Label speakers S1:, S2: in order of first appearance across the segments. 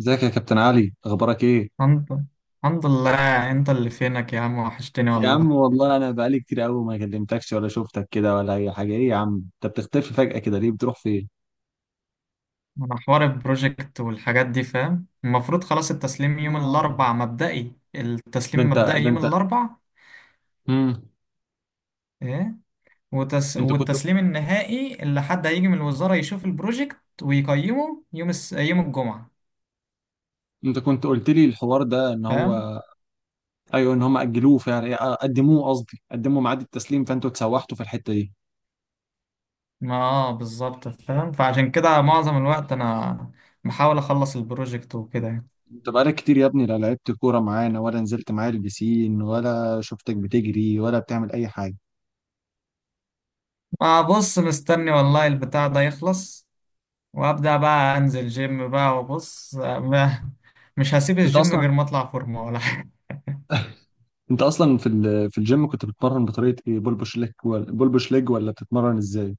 S1: ازيك يا كابتن علي، اخبارك ايه؟
S2: الحمد الحمد لله، انت اللي فينك يا عم، وحشتني
S1: يا عم
S2: والله.
S1: والله انا بقالي كتير قوي ما كلمتكش ولا شفتك كده ولا اي حاجه. ايه يا عم انت بتختفي فجأة كده ليه؟ بتروح فين؟
S2: انا حوار البروجكت والحاجات دي، فاهم؟ المفروض خلاص التسليم يوم
S1: آه.
S2: الاربع مبدئي،
S1: ده
S2: التسليم
S1: انت
S2: مبدئي
S1: ده
S2: يوم
S1: انت
S2: الاربع.
S1: امم
S2: ايه؟
S1: انت كنت
S2: والتسليم النهائي اللي حد هيجي من الوزارة يشوف البروجكت ويقيمه يوم يوم الجمعة.
S1: انت كنت قلت لي الحوار ده ان
S2: فاهم؟
S1: هو... ايوه ان هم اجلوه فعلا، إيه، قدموه، قصدي قدموا ميعاد التسليم، فانتوا اتسوحتوا في الحته دي.
S2: ما بالظبط فاهم، فعشان كده معظم الوقت انا بحاول اخلص البروجكت وكده يعني.
S1: انت بقالك كتير يا ابني، لا لعبت كوره معانا ولا نزلت معايا البسين ولا شفتك بتجري ولا بتعمل اي حاجه.
S2: ما بص، مستني والله البتاع ده يخلص وابدا بقى انزل جيم بقى وبص، ما مش هسيب
S1: انت
S2: الجيم
S1: اصلا
S2: غير ما اطلع فورمه ولا حاجه.
S1: انت اصلا في في الجيم كنت بتتمرن بطريقه ايه؟ بول بوش ليج ولا بول بوش ليج، ولا بتتمرن ازاي؟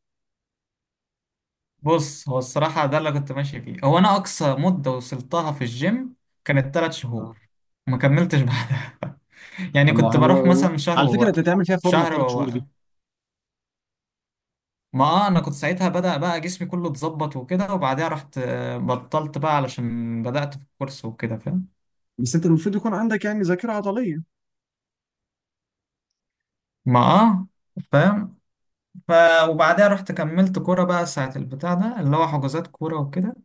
S2: بص، هو الصراحه ده اللي كنت ماشي فيه، هو انا اقصى مده وصلتها في الجيم كانت 3 شهور.
S1: آه.
S2: ما كملتش بعدها يعني
S1: طب ما
S2: كنت بروح
S1: هو والله،
S2: مثلا شهر
S1: على فكره انت
S2: ووقف
S1: تعمل فيها فورمه
S2: شهر
S1: الثلاث شهور
S2: ووقف.
S1: دي.
S2: ما انا كنت ساعتها بدأ بقى جسمي كله اتظبط وكده، وبعدها رحت بطلت بقى علشان بدأت في الكورس وكده. فاهم؟
S1: بس انت المفروض يكون عندك يعني ذاكره عضليه.
S2: ما فاهم. ف وبعدها رحت كملت كورة بقى ساعة، البتاع ده اللي هو حجوزات كورة وكده.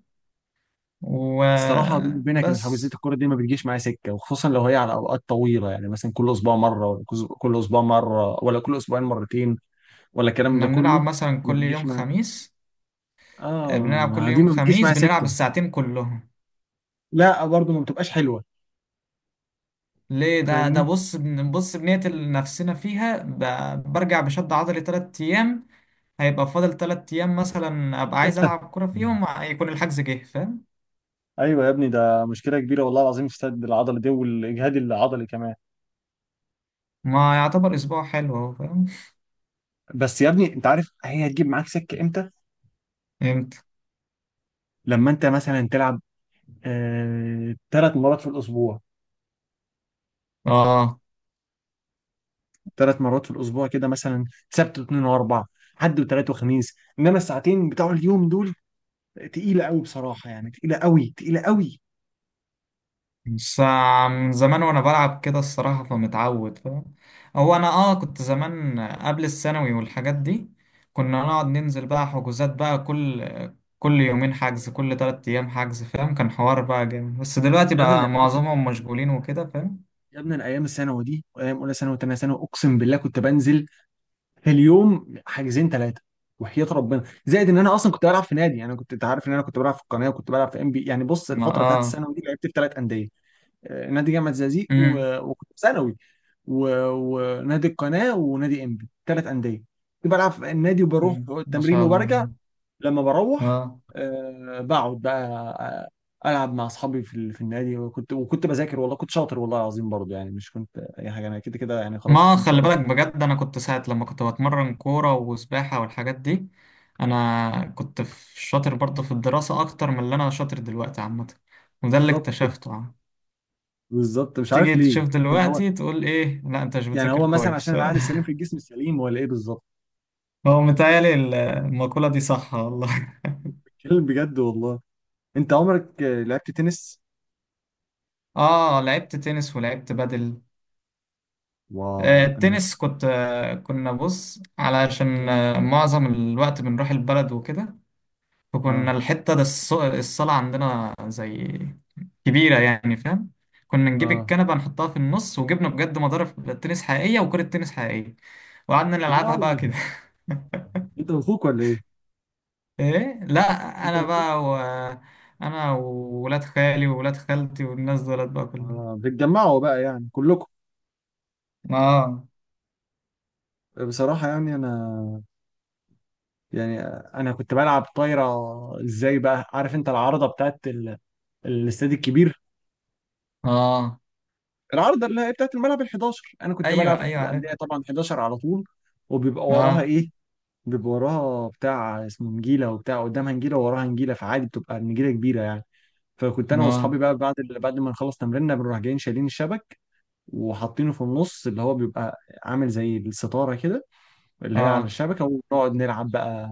S1: الصراحه بيني وبينك ان
S2: وبس.
S1: حجوزات الكوره دي ما بتجيش معايا سكه، وخصوصا لو هي على اوقات طويله، يعني مثلا كل اسبوع مره ولا كل اسبوع مره ولا كل اسبوعين مرتين ولا الكلام
S2: احنا
S1: ده
S2: بنلعب
S1: كله.
S2: مثلا
S1: ما
S2: كل
S1: بتجيش
S2: يوم
S1: معايا.
S2: خميس. بنلعب
S1: اه
S2: كل
S1: دي
S2: يوم
S1: ما بتجيش
S2: خميس
S1: معايا
S2: بنلعب
S1: سكه.
S2: الساعتين كلهم.
S1: لا برضه ما بتبقاش حلوه،
S2: ليه؟ ده
S1: فاهمني؟
S2: بص بص بنقتل نفسنا فيها، برجع بشد عضلي 3 أيام. هيبقى فاضل 3 أيام مثلا أبقى عايز ألعب كورة فيهم يكون الحجز جه. فاهم؟
S1: ايوه يا ابني، ده مشكله كبيره والله العظيم، في السد العضلي دي والاجهاد العضلي كمان.
S2: ما يعتبر أسبوع حلو أهو. فاهم؟
S1: بس يا ابني انت عارف هي هتجيب معاك سكه امتى؟
S2: فهمت؟
S1: لما انت مثلا تلعب آه... ثلاث مرات في الاسبوع
S2: اه.
S1: 3 مرات في الاسبوع كده مثلا، سبت واثنين واربعه، حد وثلاث وخميس، انما الساعتين بتوع اليوم دول تقيله قوي بصراحه، يعني تقيله قوي تقيله قوي.
S2: بس من زمان وانا بلعب كده الصراحة، فمتعود. فاهم؟ هو انا كنت زمان قبل الثانوي والحاجات دي كنا نقعد ننزل بقى حجوزات بقى كل يومين حجز، كل 3 ايام حجز. فاهم؟ كان حوار بقى جامد، بس دلوقتي
S1: يا ابني ده
S2: بقى
S1: انا كنت
S2: معظمهم مشغولين وكده. فاهم؟
S1: يا ابني انا ايام الثانوي دي وايام اولى ثانوي وثانيه ثانوي اقسم بالله كنت بنزل في اليوم حاجزين 3. وحياة ربنا، زائد ان انا اصلا كنت بلعب في نادي، يعني أنا كنت، انت عارف ان انا كنت بلعب في القناه وكنت بلعب في ام بي، يعني بص
S2: ما
S1: الفتره بتاعت الثانوي دي لعبت في 3 انديه. نادي جامعه زقازيق
S2: امم.
S1: وكنت في ثانوي، ونادي القناه ونادي ام بي، 3 انديه. كنت بلعب في النادي وبروح
S2: أمم، ما
S1: التمرين
S2: شاء
S1: وبرجع.
S2: الله.
S1: لما بروح،
S2: اه.
S1: بقعد بقى، العب مع اصحابي في في النادي، وكنت بذاكر، والله كنت شاطر والله العظيم برضه، يعني مش كنت اي حاجه انا كده كده يعني، خلاص
S2: ما
S1: ان شاء
S2: خلي
S1: الله.
S2: بالك بجد، انا كنت ساعة لما كنت بتمرن كورة وسباحة والحاجات دي، انا كنت شاطر برضه في الدراسة اكتر من اللي انا شاطر دلوقتي عامة. وده اللي
S1: بالظبط،
S2: اكتشفته يعني.
S1: بالظبط، مش عارف
S2: تيجي
S1: ليه
S2: تشوف دلوقتي تقول ايه، لا انت مش
S1: يعني
S2: بتذاكر
S1: هو مثلا عشان
S2: كويس
S1: العقل السليم في الجسم السليم، ولا ايه بالظبط؟
S2: هو متهيألي المقولة دي صح والله.
S1: بتكلم بجد والله. انت عمرك لعبت تنس؟
S2: اه، لعبت تنس ولعبت بدل.
S1: واو، انا،
S2: التنس كنت، كنا بص علشان معظم الوقت بنروح البلد وكده. فكنا
S1: اه
S2: الحتة ده الصالة عندنا زي كبيرة يعني. فاهم؟ كنا نجيب
S1: اه
S2: الكنبة نحطها في النص وجبنا بجد مضارب تنس حقيقية وكرة تنس حقيقية. وقعدنا
S1: لا،
S2: نلعبها بقى كده.
S1: انت واخوك ولا ايه؟
S2: ايه لا.
S1: انت
S2: انا
S1: واخوك
S2: بقى و... انا وولاد خالي وولاد خالتي والناس دولت بقى كلهم.
S1: اه بتجمعوا بقى يعني كلكم.
S2: اه.
S1: بصراحة يعني انا يعني انا كنت بلعب طايرة. ازاي بقى عارف انت العارضة بتاعت الاستاد الكبير،
S2: اه.
S1: العارضة اللي هي بتاعت الملعب ال 11؟ انا كنت
S2: ايوه
S1: بلعب
S2: ايوه،
S1: في
S2: عارف.
S1: اندية طبعا 11 على طول. وبيبقى وراها
S2: اه.
S1: ايه؟ بيبقى وراها بتاع اسمه نجيله، وبتاع قدامها نجيله ووراها نجيله، فعادي بتبقى النجيله كبيره يعني. فكنت انا واصحابي
S2: اه.
S1: بقى بعد بعد ما نخلص تمريننا بنروح جايين شايلين الشبك وحاطينه في النص، اللي هو بيبقى عامل زي الستاره كده، اللي هي على
S2: اه.
S1: الشبكه، ونقعد نلعب بقى.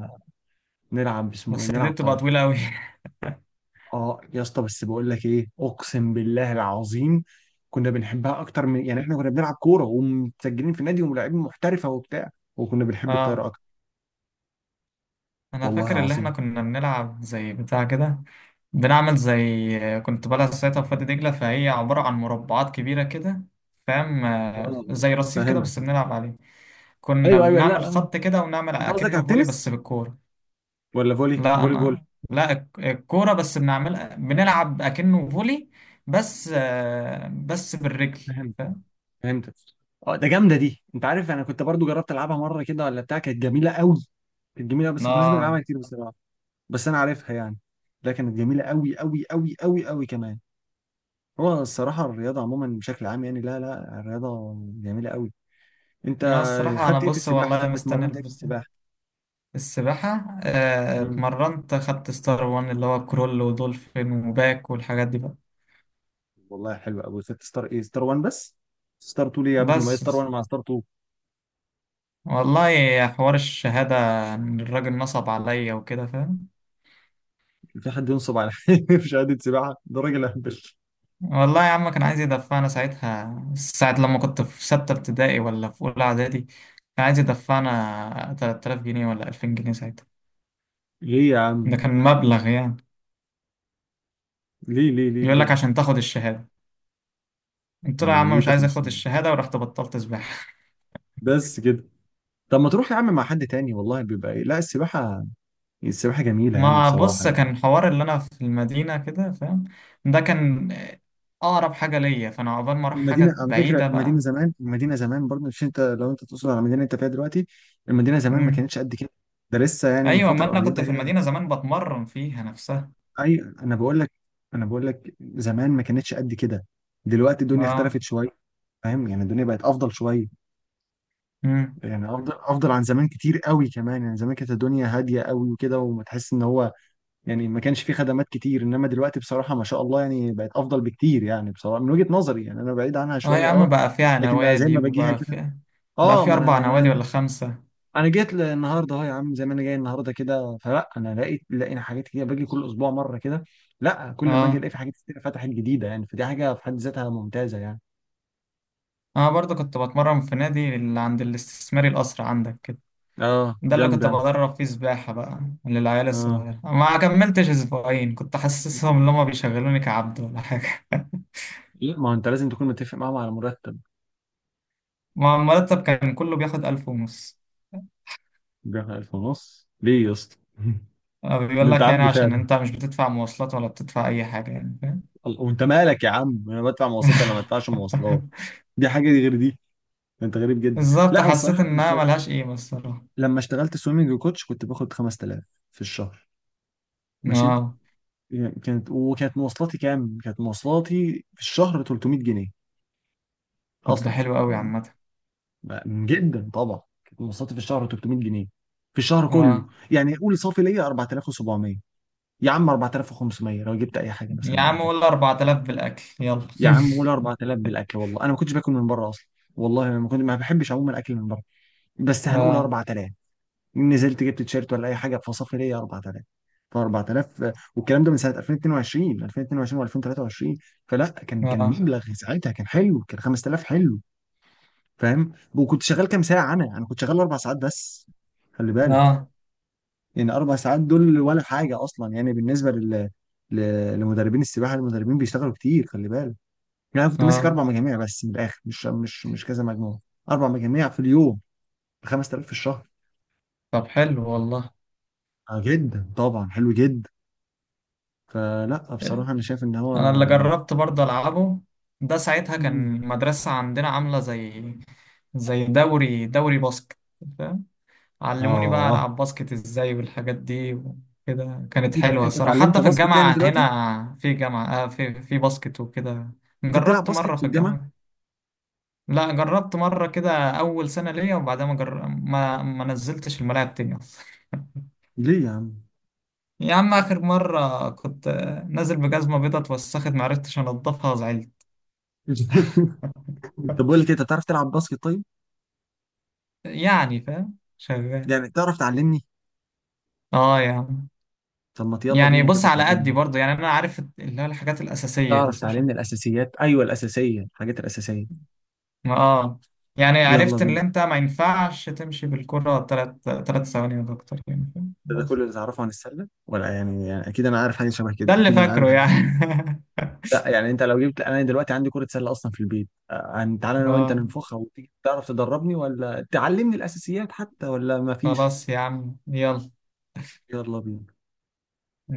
S1: نلعب اسمه ايه؟
S2: بس دي
S1: نلعب
S2: بتبقى
S1: طايره.
S2: طويلة قوي
S1: اه يا اسطى، بس بقول لك ايه، اقسم بالله العظيم كنا بنحبها اكتر من، يعني احنا كنا بنلعب كوره ومتسجلين في نادي وملاعبين محترفه وبتاع، وكنا بنحب الطايره
S2: اه،
S1: اكتر.
S2: انا
S1: والله
S2: فاكر اللي احنا
S1: العظيم.
S2: كنا بنلعب زي بتاع كده، بنعمل زي. كنت بلعب ساعتها في وادي دجلة، فهي عبارة عن مربعات كبيرة كده. فاهم؟
S1: اه،
S2: زي رصيف كده
S1: فاهمك.
S2: بس بنلعب عليه. كنا
S1: ايوه ايوه،
S2: بنعمل
S1: لا،
S2: خط كده ونعمل
S1: انت قصدك على
S2: اكنه فولي بس
S1: التنس
S2: بالكورة.
S1: ولا فولي؟
S2: لا
S1: فولي بول.
S2: انا، لا الكورة بس بنلعب اكنه فولي، بس بس بالرجل.
S1: فهمت،
S2: فاهم؟
S1: فهمتك. اه ده جامده دي، انت عارف انا كنت برضو جربت العبها مره كده ولا بتاع، كانت جميله قوي. كانت جميله بس ما كناش بنلعبها
S2: اه،
S1: كتير بصراحه، بس انا عارفها يعني. لا كانت جميله قوي قوي قوي قوي قوي كمان. هو الصراحه الرياضه عموما بشكل عام يعني، لا لا الرياضه جميله قوي. انت
S2: انا الصراحة انا
S1: خدت ايه في
S2: بص
S1: السباحه؟
S2: والله
S1: طب
S2: مستني
S1: اتمرنت ايه في
S2: البتاع.
S1: السباحه؟
S2: السباحة
S1: امم
S2: اتمرنت، خدت ستار وان اللي هو كرول ودولفين وباك والحاجات دي بقى.
S1: والله حلو قوي. خدت ستار ايه؟ ستار 1 بس؟ ستار 2 ليه يا ابني؟ ما هي
S2: بس
S1: ستار 1 مع ستار 2.
S2: والله يا حوار الشهادة إن الراجل نصب عليا وكده. فاهم؟
S1: في حد ينصب على في شهاده سباحه؟ ده راجل اهبل.
S2: والله يا عم كان عايز يدفعنا ساعتها، ساعة لما كنت في ستة ابتدائي ولا في أولى إعدادي، كان عايز يدفعنا 3000 جنيه ولا 2000 جنيه ساعتها.
S1: ليه يا عم؟
S2: ده كان مبلغ يعني.
S1: ليه ليه ليه
S2: يقول لك
S1: بجد؟
S2: عشان تاخد الشهادة، قلت له يا
S1: يعني
S2: عم
S1: ايه
S2: مش
S1: تاخد
S2: عايز اخد
S1: الشهادة؟
S2: الشهادة، ورحت بطلت سباحة.
S1: بس كده؟ طب ما تروح يا عم مع حد تاني، والله بيبقى إيه. لا، السباحة، السباحة جميلة يعني
S2: ما
S1: بصراحة
S2: بص
S1: يعني.
S2: كان حوار اللي انا في المدينه كده، فاهم؟ ده كان اقرب حاجه ليا، فانا عقبال ما اروح
S1: المدينة
S2: حاجه
S1: على فكرة،
S2: بعيده
S1: المدينة
S2: بقى.
S1: زمان، المدينة زمان برضه مش، انت لو انت تقصد على المدينة اللي انت فيها دلوقتي، المدينة زمان ما
S2: امم.
S1: كانتش قد كده، ده لسه يعني من
S2: ايوه،
S1: فترة
S2: ما انا كنت
S1: قريبة
S2: في
S1: هي.
S2: المدينه زمان بتمرن فيها نفسها.
S1: اي انا بقول لك، زمان ما كانتش قد كده. دلوقتي الدنيا
S2: اه.
S1: اختلفت شوية، فاهم؟ يعني الدنيا بقت افضل شوية،
S2: امم.
S1: يعني افضل، افضل عن زمان كتير قوي كمان، يعني زمان كانت الدنيا هادية قوي وكده، وما تحس ان هو، يعني ما كانش فيه خدمات كتير، انما دلوقتي بصراحة ما شاء الله يعني بقت افضل بكتير يعني، بصراحة من وجهة نظري يعني انا بعيد عنها
S2: اه يا
S1: شوية
S2: عم،
S1: اه.
S2: بقى فيها
S1: لكن زي
S2: نوادي
S1: ما باجيها
S2: وبقى
S1: كده،
S2: فيها، بقى
S1: اه،
S2: في
S1: ما انا
S2: اربع
S1: يعني
S2: نوادي ولا
S1: انا
S2: خمسه.
S1: أنا جيت النهارده اهو، يا عم زي ما انا جاي النهارده كده، فلا انا لقيت، لقينا حاجات كتير باجي كل اسبوع مرة كده. لا، كل ما اجي
S2: اه،
S1: الاقي في حاجات كتير فتحت جديدة، يعني فدي حاجة في حد ذاتها ممتازة يعني.
S2: انا برضو كنت بتمرن في نادي اللي عند الاستثماري، القصر عندك كده.
S1: اه
S2: ده اللي
S1: جنبي
S2: كنت
S1: انا.
S2: بدرب فيه سباحة بقى للعيال
S1: اه،
S2: الصغيرة. ما كملتش أسبوعين، كنت حاسسهم إن هما بيشغلوني كعبد ولا حاجة.
S1: لا ما هو انت لازم تكون متفق معاهم على مرتب.
S2: ما المرتب كان كله بياخد 1500.
S1: بياخد 1000 ونص ليه يا اسطى؟ ده
S2: بيقول
S1: انت
S2: لك يعني
S1: عبد
S2: عشان
S1: فعلا.
S2: انت مش بتدفع مواصلات ولا بتدفع اي حاجة يعني. فاهم؟
S1: الله- وانت مالك يا عم؟ انا بدفع مواصلات ولا ما بدفعش مواصلات؟ دي حاجه، دي غير دي. انت غريب جدا.
S2: بالظبط،
S1: لا انا
S2: حسيت
S1: الصراحه لما
S2: انها ملهاش قيمة الصراحة.
S1: لما اشتغلت سويمنج كوتش كنت باخد 5000 في الشهر، ماشي.
S2: اه.
S1: يعني وكانت مواصلاتي كام؟ كانت مواصلاتي في الشهر 300 جنيه
S2: طب ده
S1: اصلا،
S2: حلو قوي
S1: يعني
S2: عامة.
S1: جدا طبعا. كانت مواصلاتي في الشهر 300 جنيه في الشهر كله،
S2: اه
S1: يعني قول صافي ليا 4700، يا عم 4500 لو جبت اي حاجه
S2: يا
S1: مثلا ولا
S2: عم
S1: كده،
S2: قول 4000 بالاكل يلا.
S1: يا عم قول 4000 بالاكل. والله انا ما كنتش باكل من بره اصلا، والله ما كنت ما بحبش عموما الاكل من بره، بس هنقول
S2: اه،
S1: 4000. نزلت جبت تيشيرت ولا اي حاجه، فصافي ليا 4000. ف 4000 والكلام ده من سنه 2022، و2023، فلا كان،
S2: اه،
S1: مبلغ ساعتها كان حلو، كان 5000 حلو. فاهم؟ وكنت شغال كام ساعه؟ انا كنت شغال 4 ساعات بس، خلي بالك.
S2: اه،
S1: يعني 4 ساعات دول ولا حاجه اصلا، يعني بالنسبه لل لمدربين السباحه، المدربين بيشتغلوا كتير خلي بالك. يعني انا كنت ماسك
S2: اه.
S1: 4 مجاميع بس من الاخر، مش كذا مجموعه، 4 مجاميع في اليوم ب 5000 في الشهر.
S2: طب حلو والله.
S1: آه جدا طبعا حلو جدا. فلا بصراحة أنا شايف إن
S2: انا اللي
S1: هو،
S2: جربت برضه العبه. ده ساعتها
S1: مم.
S2: كان المدرسة عندنا عاملة زي دوري باسكت. علموني بقى
S1: آه،
S2: ألعب باسكت إزاي والحاجات دي وكده، كانت
S1: إيه ده؟
S2: حلوة
S1: أنت
S2: الصراحة.
S1: اتعلمت
S2: حتى في
S1: باسكت يعني
S2: الجامعة
S1: دلوقتي؟
S2: هنا في جامعة في باسكت وكده.
S1: أنت بتلعب
S2: جربت مرة
S1: باسكت في
S2: في
S1: الجامعة؟
S2: الجامعة. لا جربت مرة كده أول سنة ليا، وبعدها ما, جر... ما ما نزلتش الملاعب تاني أصلا
S1: ليه يا عم؟
S2: يا عم آخر مرة كنت نازل بجزمة بيضة، اتوسخت معرفتش أنضفها وزعلت.
S1: طب بقول لك إيه، أنت بتعرف تلعب باسكت طيب؟
S2: يعني فاهم، شغال.
S1: يعني تعرف تعلمني؟
S2: اه يا عم.
S1: طب ما يلا
S2: يعني
S1: بينا
S2: بص،
S1: كده
S2: على قدي
S1: تعلمني.
S2: برضه يعني، أنا عارف اللي هو الحاجات الأساسية
S1: تعرف
S2: بس.
S1: تعلمني الأساسيات؟ أيوه الأساسية، الحاجات الأساسية.
S2: اه. يعني
S1: يلا
S2: عرفت ان
S1: بينا.
S2: انت ما ينفعش تمشي بالكرة تلات ثواني ولا اكتر يعني. فاهم؟
S1: ده
S2: بس
S1: كل اللي تعرفه عن السلة، ولا يعني، يعني أكيد أنا عارف حاجة شبه كده،
S2: ده اللي
S1: أكيد أنا عارف.
S2: فاكره يعني.
S1: لا يعني انت لو جبت، انا دلوقتي عندي كرة سلة اصلا في البيت، تعالى انا وانت
S2: اه
S1: ننفخها، وتيجي تعرف تدربني ولا تعلمني الاساسيات حتى ولا مفيش؟
S2: خلاص يا عم يلا.
S1: يلا بينا.